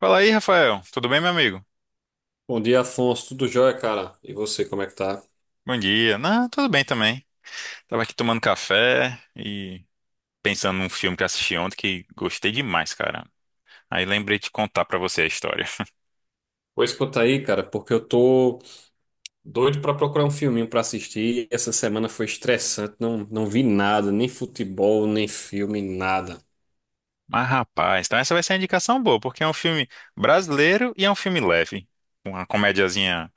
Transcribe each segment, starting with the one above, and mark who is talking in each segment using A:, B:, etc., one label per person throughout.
A: Fala aí, Rafael. Tudo bem, meu amigo?
B: Bom dia, Afonso. Tudo jóia, cara? E você, como é que tá?
A: Bom dia. Não, tudo bem também. Tava aqui tomando café e pensando num filme que assisti ontem que gostei demais, cara. Aí lembrei de contar pra você a história.
B: Pô, escuta aí, cara, porque eu tô doido pra procurar um filminho pra assistir. Essa semana foi estressante, não vi nada, nem futebol, nem filme, nada.
A: Mas, rapaz, então essa vai ser uma indicação boa, porque é um filme brasileiro e é um filme leve. Uma comediazinha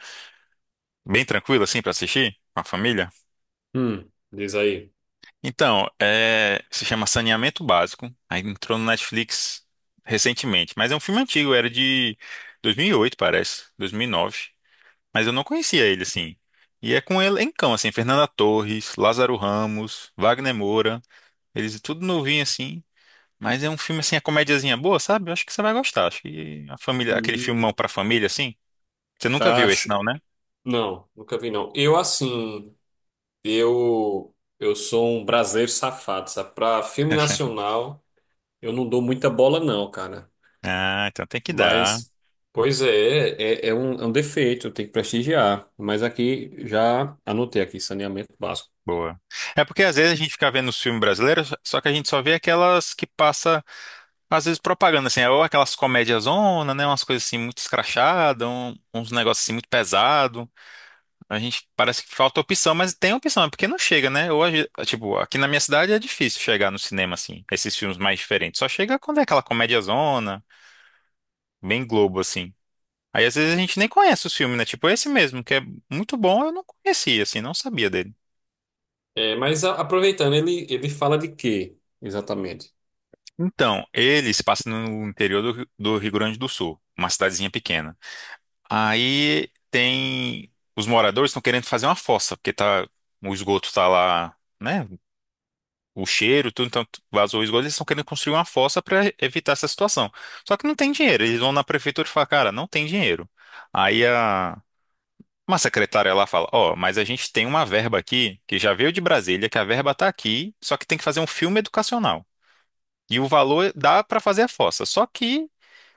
A: bem tranquila, assim, pra assistir com a família.
B: Diz aí.
A: Então, se chama Saneamento Básico. Aí entrou no Netflix recentemente, mas é um filme antigo, era de 2008, parece, 2009. Mas eu não conhecia ele, assim. E é com um elencão, assim, Fernanda Torres, Lázaro Ramos, Wagner Moura, eles tudo novinho, assim. Mas é um filme, assim, a comédiazinha boa, sabe? Eu acho que você vai gostar. Acho que a família, aquele filmão
B: Hum,
A: pra família, assim. Você nunca viu esse,
B: Acho.
A: não, né?
B: Não, nunca vi não. Eu assim, eu sou um brasileiro safado, sabe? Pra filme nacional, eu não dou muita bola não, cara.
A: Ah, então tem que dar.
B: Mas, pois é, é um defeito, tem que prestigiar. Mas aqui, já anotei aqui, saneamento básico.
A: Boa. É porque às vezes a gente fica vendo os filmes brasileiros, só que a gente só vê aquelas que passa, às vezes, propaganda, assim, é ou aquelas comédias zona, né? Umas coisas assim muito escrachadas, uns negócios assim muito pesados. A gente parece que falta opção, mas tem opção, é porque não chega, né? Hoje, tipo, aqui na minha cidade é difícil chegar no cinema, assim, esses filmes mais diferentes. Só chega quando é aquela comédiazona, bem Globo, assim. Aí às vezes a gente nem conhece os filmes, né? Tipo esse mesmo, que é muito bom, eu não conhecia, assim, não sabia dele.
B: É, mas aproveitando, ele fala de quê, exatamente?
A: Então, ele se passa no interior do Rio Grande do Sul, uma cidadezinha pequena. Aí tem. Os moradores estão querendo fazer uma fossa, porque tá, o esgoto tá lá, né? O cheiro, tudo, então vazou o esgoto, eles estão querendo construir uma fossa para evitar essa situação. Só que não tem dinheiro, eles vão na prefeitura e falam, cara, não tem dinheiro. Aí a uma secretária lá fala, ó, mas a gente tem uma verba aqui que já veio de Brasília, que a verba tá aqui, só que tem que fazer um filme educacional. E o valor dá para fazer a fossa, só que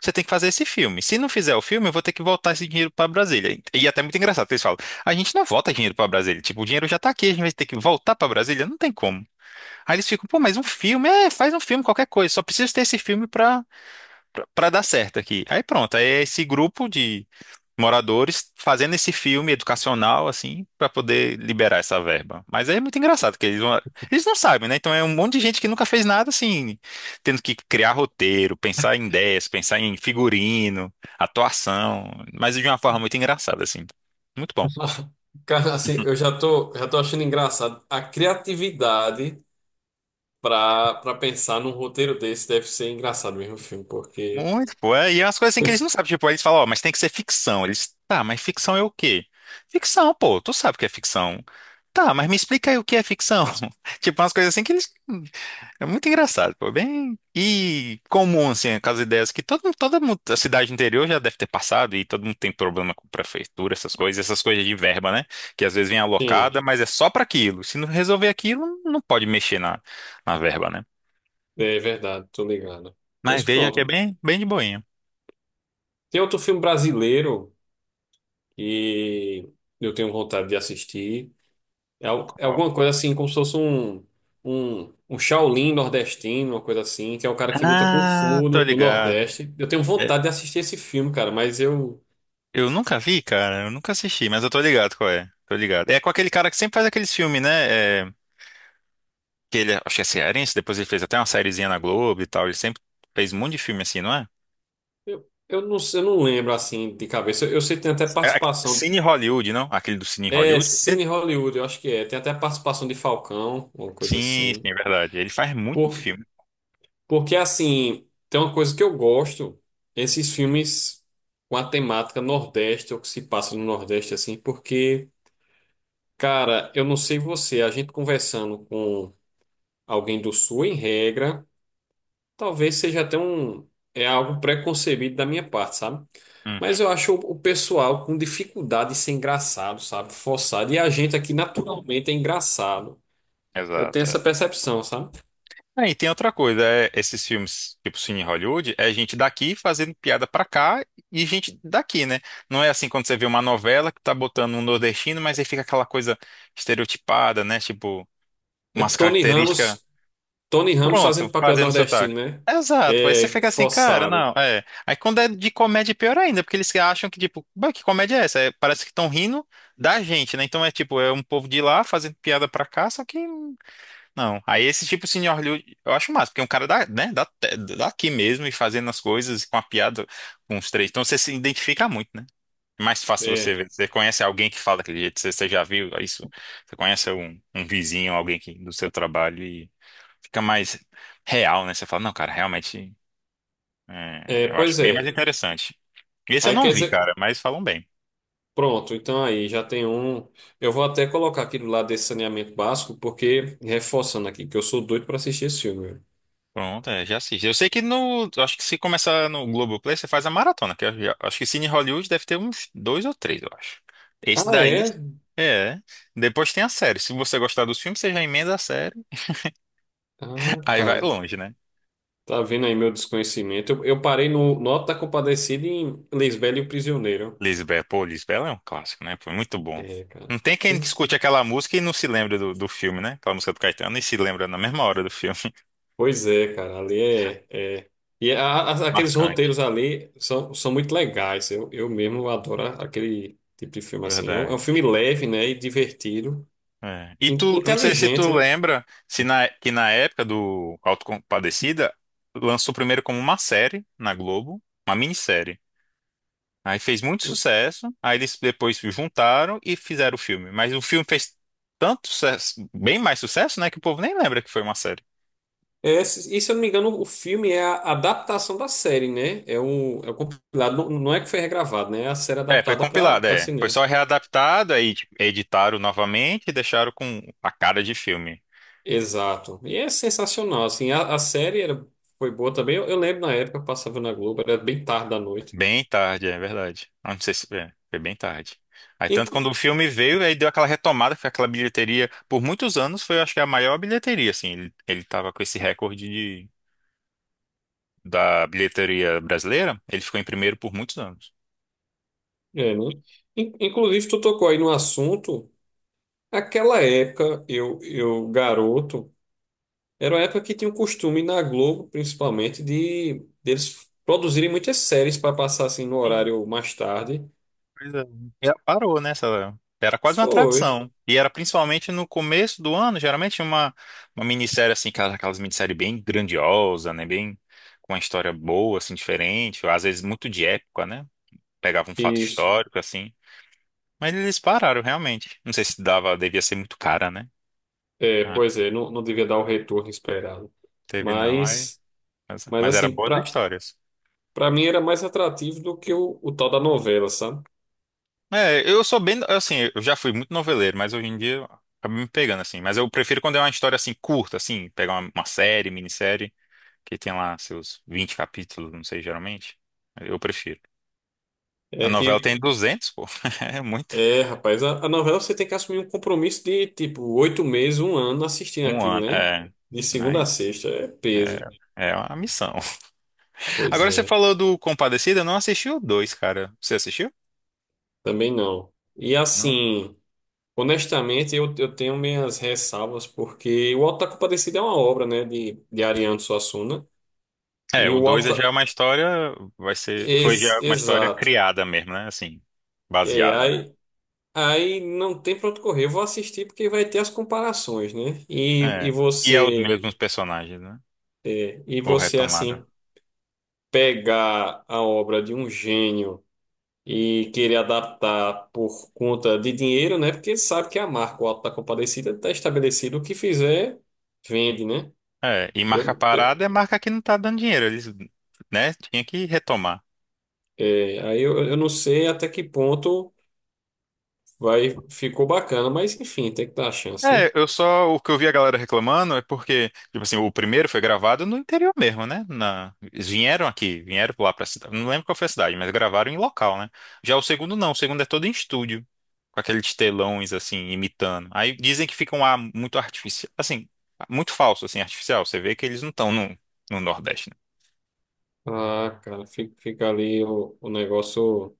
A: você tem que fazer esse filme. Se não fizer o filme, eu vou ter que voltar esse dinheiro para Brasília. E é até muito engraçado, que eles falam: a gente não volta dinheiro para Brasília. Tipo, o dinheiro já tá aqui, a gente vai ter que voltar para Brasília? Não tem como. Aí eles ficam, pô, mas um filme, é, faz um filme, qualquer coisa, só preciso ter esse filme pra, dar certo aqui. Aí pronto, aí é esse grupo de moradores fazendo esse filme educacional, assim, pra poder liberar essa verba. Mas aí é muito engraçado, que eles não sabem, né? Então é um monte de gente que nunca fez nada, assim, tendo que criar roteiro, pensar em ideias, pensar em figurino, atuação, mas de uma forma muito engraçada, assim. Muito bom.
B: Cara, assim, já tô achando engraçado. A criatividade para pensar num roteiro desse deve ser engraçado mesmo o filme, porque,
A: Muito, pô. É, e é umas coisas assim que eles não sabem. Tipo, aí eles falam, ó, mas tem que ser ficção. Eles, tá, mas ficção é o quê? Ficção, pô, tu sabe o que é ficção. Tá, mas me explica aí o que é ficção. Tipo, umas coisas assim que eles. É muito engraçado, pô. Bem. E comum, assim, aquelas ideias que a cidade interior já deve ter passado e todo mundo tem problema com prefeitura, essas coisas de verba, né? Que às vezes vem
B: sim,
A: alocada, mas é só pra aquilo. Se não resolver aquilo, não pode mexer na verba, né?
B: é verdade, tô ligado.
A: Mas
B: Pois
A: veja que é
B: pronto.
A: bem, bem de boinha.
B: Tem outro filme brasileiro que eu tenho vontade de assistir. É, é alguma coisa assim, como se fosse um Shaolin nordestino, uma coisa assim, que é o cara que luta com
A: Ah,
B: Fu
A: tô
B: do
A: ligado.
B: Nordeste. Eu tenho
A: É,
B: vontade de assistir esse filme, cara, mas eu,
A: eu nunca vi, cara. Eu nunca assisti, mas eu tô ligado qual é. Tô ligado. É com aquele cara que sempre faz aqueles filmes, né? É, acho que é cearense, depois ele fez até uma sériezinha na Globo e tal. Ele sempre fez um monte de filme assim, não é?
B: eu, eu, não, sei- eu não lembro assim de cabeça. Eu sei que tem até
A: É,
B: participação.
A: Cine Hollywood, não? Aquele do Cine
B: É
A: Hollywood?
B: Cine Hollywood, eu acho que é. Tem até participação de Falcão, uma coisa
A: Sim, sim,
B: assim.
A: é verdade. Ele faz muito
B: Por,
A: filme.
B: porque assim, tem uma coisa que eu gosto, esses filmes com a temática Nordeste, ou que se passa no Nordeste, assim, porque. Cara, eu não sei você, a gente conversando com alguém do Sul, em regra, talvez seja até é algo preconcebido da minha parte, sabe?
A: Uhum,
B: Mas eu acho o pessoal com dificuldade de ser engraçado, sabe? Forçado. E a gente aqui naturalmente é engraçado. Eu tenho
A: exato. É.
B: essa percepção, sabe?
A: Ah, e tem outra coisa, esses filmes, tipo Cine Hollywood, é gente daqui fazendo piada pra cá e gente daqui, né? Não é assim quando você vê uma novela que tá botando um nordestino, mas aí fica aquela coisa estereotipada, né? Tipo,
B: É
A: umas
B: Tony
A: características,
B: Ramos, Tony Ramos
A: pronto,
B: fazendo papel
A: fazendo sotaque.
B: nordestino, né?
A: Exato, aí você
B: É
A: fica assim, cara, não,
B: forçado.
A: é. Aí quando é de comédia, é pior ainda, porque eles acham que, tipo, "Bah, que comédia é essa? É, parece que estão rindo da gente, né? Então é tipo, é um povo de lá fazendo piada pra cá, só que não. Aí esse tipo assim, de senhor Liu, eu acho massa, porque é um cara da, né, daqui mesmo e fazendo as coisas com a piada com os três. Então você se identifica muito, né? É mais fácil você
B: É,
A: ver. Você conhece alguém que fala daquele jeito, você já viu isso? Você conhece um vizinho, alguém que, do seu trabalho e fica mais real, né? Você fala, não, cara, realmente, eu acho
B: pois
A: bem mais
B: é.
A: interessante. Esse eu
B: Aí quer
A: não vi,
B: dizer,
A: cara, mas falam bem.
B: pronto, então aí já tem um. Eu vou até colocar aqui do lado desse saneamento básico, porque, reforçando aqui, que eu sou doido para assistir esse filme, velho.
A: Pronto, é, já assisto. Eu sei que no. eu Acho que se começar no Globoplay, você faz a maratona, que eu acho que Cine Hollywood deve ter uns dois ou três, eu acho. Esse
B: Ah,
A: daí.
B: é?
A: É. Depois tem a série. Se você gostar dos filmes, você já emenda a série.
B: Ah,
A: Aí vai
B: cara.
A: longe, né?
B: Tá vendo aí meu desconhecimento? Eu parei no Nota da Compadecida em Lisbela e o Prisioneiro.
A: Lisbela, pô, Lisbela é um clássico, né? Foi muito bom.
B: É, cara.
A: Não tem quem escute aquela música e não se lembra do filme, né? Aquela música do Caetano e se lembra na mesma hora do filme.
B: Pois é, cara. Ali é. É... E aqueles
A: Marcante.
B: roteiros ali são muito legais. Eu mesmo adoro aquele tipo de filme assim. É um
A: Verdade.
B: filme leve, né? E divertido.
A: É. E
B: In-
A: tu, não sei se
B: Inteligente,
A: tu
B: né?
A: lembra, se na, que na época do Autocompadecida, lançou primeiro como uma série na Globo, uma minissérie. Aí fez muito sucesso, aí eles depois se juntaram e fizeram o filme. Mas o filme fez tanto sucesso, bem mais sucesso, né, que o povo nem lembra que foi uma série.
B: É, se, e se eu não me engano, o filme é a adaptação da série, né? É o compilado, não é que foi regravado, né? É a série
A: É, foi
B: adaptada para
A: compilado,
B: para
A: é. Foi
B: cinema.
A: só readaptado, aí tipo, editaram novamente e deixaram com a cara de filme.
B: Exato. E é sensacional, assim, a série foi boa também. Eu lembro na época, eu passava na Globo, era bem tarde da noite.
A: Bem tarde, é verdade. Ah, não sei se foi bem tarde. Aí tanto
B: Inclu-
A: quando o filme veio, aí deu aquela retomada, foi aquela bilheteria. Por muitos anos foi, acho que a maior bilheteria, assim. Ele tava com esse recorde da bilheteria brasileira. Ele ficou em primeiro por muitos anos.
B: é, né? Inclusive, tu tocou aí no assunto. Aquela época, eu garoto, era uma época que tinha o costume na Globo, principalmente, de deles produzirem muitas séries para passar assim no
A: Sim.
B: horário mais tarde.
A: Pois é. E parou, né? Era quase uma
B: Foi.
A: tradição. E era principalmente no começo do ano, geralmente tinha uma minissérie, assim, aquelas minissérie bem grandiosa, né? Bem com uma história boa, assim, diferente. Às vezes muito de época, né? Pegava um fato
B: Isso.
A: histórico, assim. Mas eles pararam, realmente. Não sei se dava, devia ser muito cara, né?
B: É,
A: Ah,
B: pois é, não devia dar o retorno esperado.
A: teve não. Aí,
B: Mas,
A: mas,
B: mas
A: mas era
B: assim,
A: boas histórias.
B: pra mim era mais atrativo do que o tal da novela, sabe?
A: É, eu sou bem, assim, eu já fui muito noveleiro, mas hoje em dia eu acabo me pegando, assim. Mas eu prefiro quando é uma história, assim, curta, assim, pegar uma série, minissérie, que tem lá seus 20 capítulos, não sei, geralmente. Eu prefiro. A
B: É
A: novela
B: que,
A: tem 200, pô. É muito.
B: é, rapaz, a novela você tem que assumir um compromisso de, tipo, oito meses, um ano assistindo
A: Um
B: aquilo,
A: ano.
B: né?
A: É.
B: De segunda a
A: Aí,
B: sexta, é peso.
A: É uma missão.
B: Pois
A: Agora você
B: é,
A: falou do Compadecida, eu não assisti o 2, cara. Você assistiu?
B: também não. E
A: Não.
B: assim, honestamente, eu tenho minhas ressalvas, porque o Auto da Compadecida é uma obra, né, de Ariano Suassuna.
A: É,
B: E
A: o
B: o
A: 2 é já
B: Auto,
A: uma história, foi já uma história
B: Exato.
A: criada mesmo, né? Assim,
B: É,
A: baseada, né?
B: aí, aí não tem para onde correr. Eu vou assistir porque vai ter as comparações, né? E
A: É. E é os
B: você,
A: mesmos personagens, né?
B: é, e
A: Ou
B: você
A: retomada.
B: assim pegar a obra de um gênio e querer adaptar por conta de dinheiro, né? Porque sabe que a marca, o Auto da Compadecida, está estabelecido. O que fizer, vende, né?
A: É, e marca
B: Eu, eu-
A: parada é marca que não tá dando dinheiro, eles, né? Tinha que retomar.
B: é, aí eu não sei até que ponto vai ficou bacana, mas enfim, tem que dar a chance, né?
A: É, eu só, o que eu vi a galera reclamando é porque, tipo assim, o primeiro foi gravado no interior mesmo, né? Eles vieram aqui, vieram lá pra cidade, não lembro qual foi a cidade, mas gravaram em local, né? Já o segundo não, o segundo é todo em estúdio, com aqueles telões, assim, imitando. Aí dizem que fica um ar muito artificial, assim, muito falso, assim, artificial. Você vê que eles não estão no Nordeste, né?
B: Ah, cara, fica, fica ali o negócio.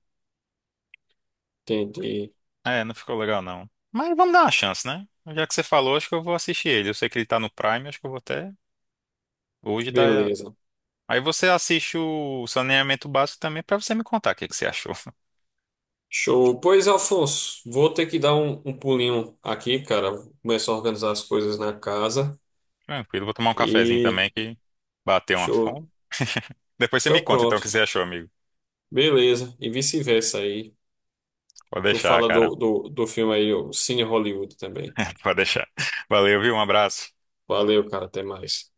B: Entendi.
A: É, não ficou legal não. Mas vamos dar uma chance, né? Já que você falou, acho que eu vou assistir ele. Eu sei que ele tá no Prime, acho que eu vou até hoje dar,
B: Beleza.
A: Aí você assiste o Saneamento Básico também pra você me contar o que que você achou.
B: Show. Pois, Alfonso, vou ter que dar um pulinho aqui, cara. Vou começar a organizar as coisas na casa.
A: Tranquilo, vou tomar um cafezinho
B: E
A: também que bateu uma
B: show.
A: fome. Depois você me
B: Então,
A: conta então o que
B: pronto.
A: você achou, amigo.
B: Beleza. E vice-versa aí.
A: Pode
B: Tu
A: deixar,
B: fala
A: cara.
B: do filme aí, o Cine Hollywood também.
A: Pode deixar. Valeu, viu? Um abraço.
B: Valeu, cara. Até mais.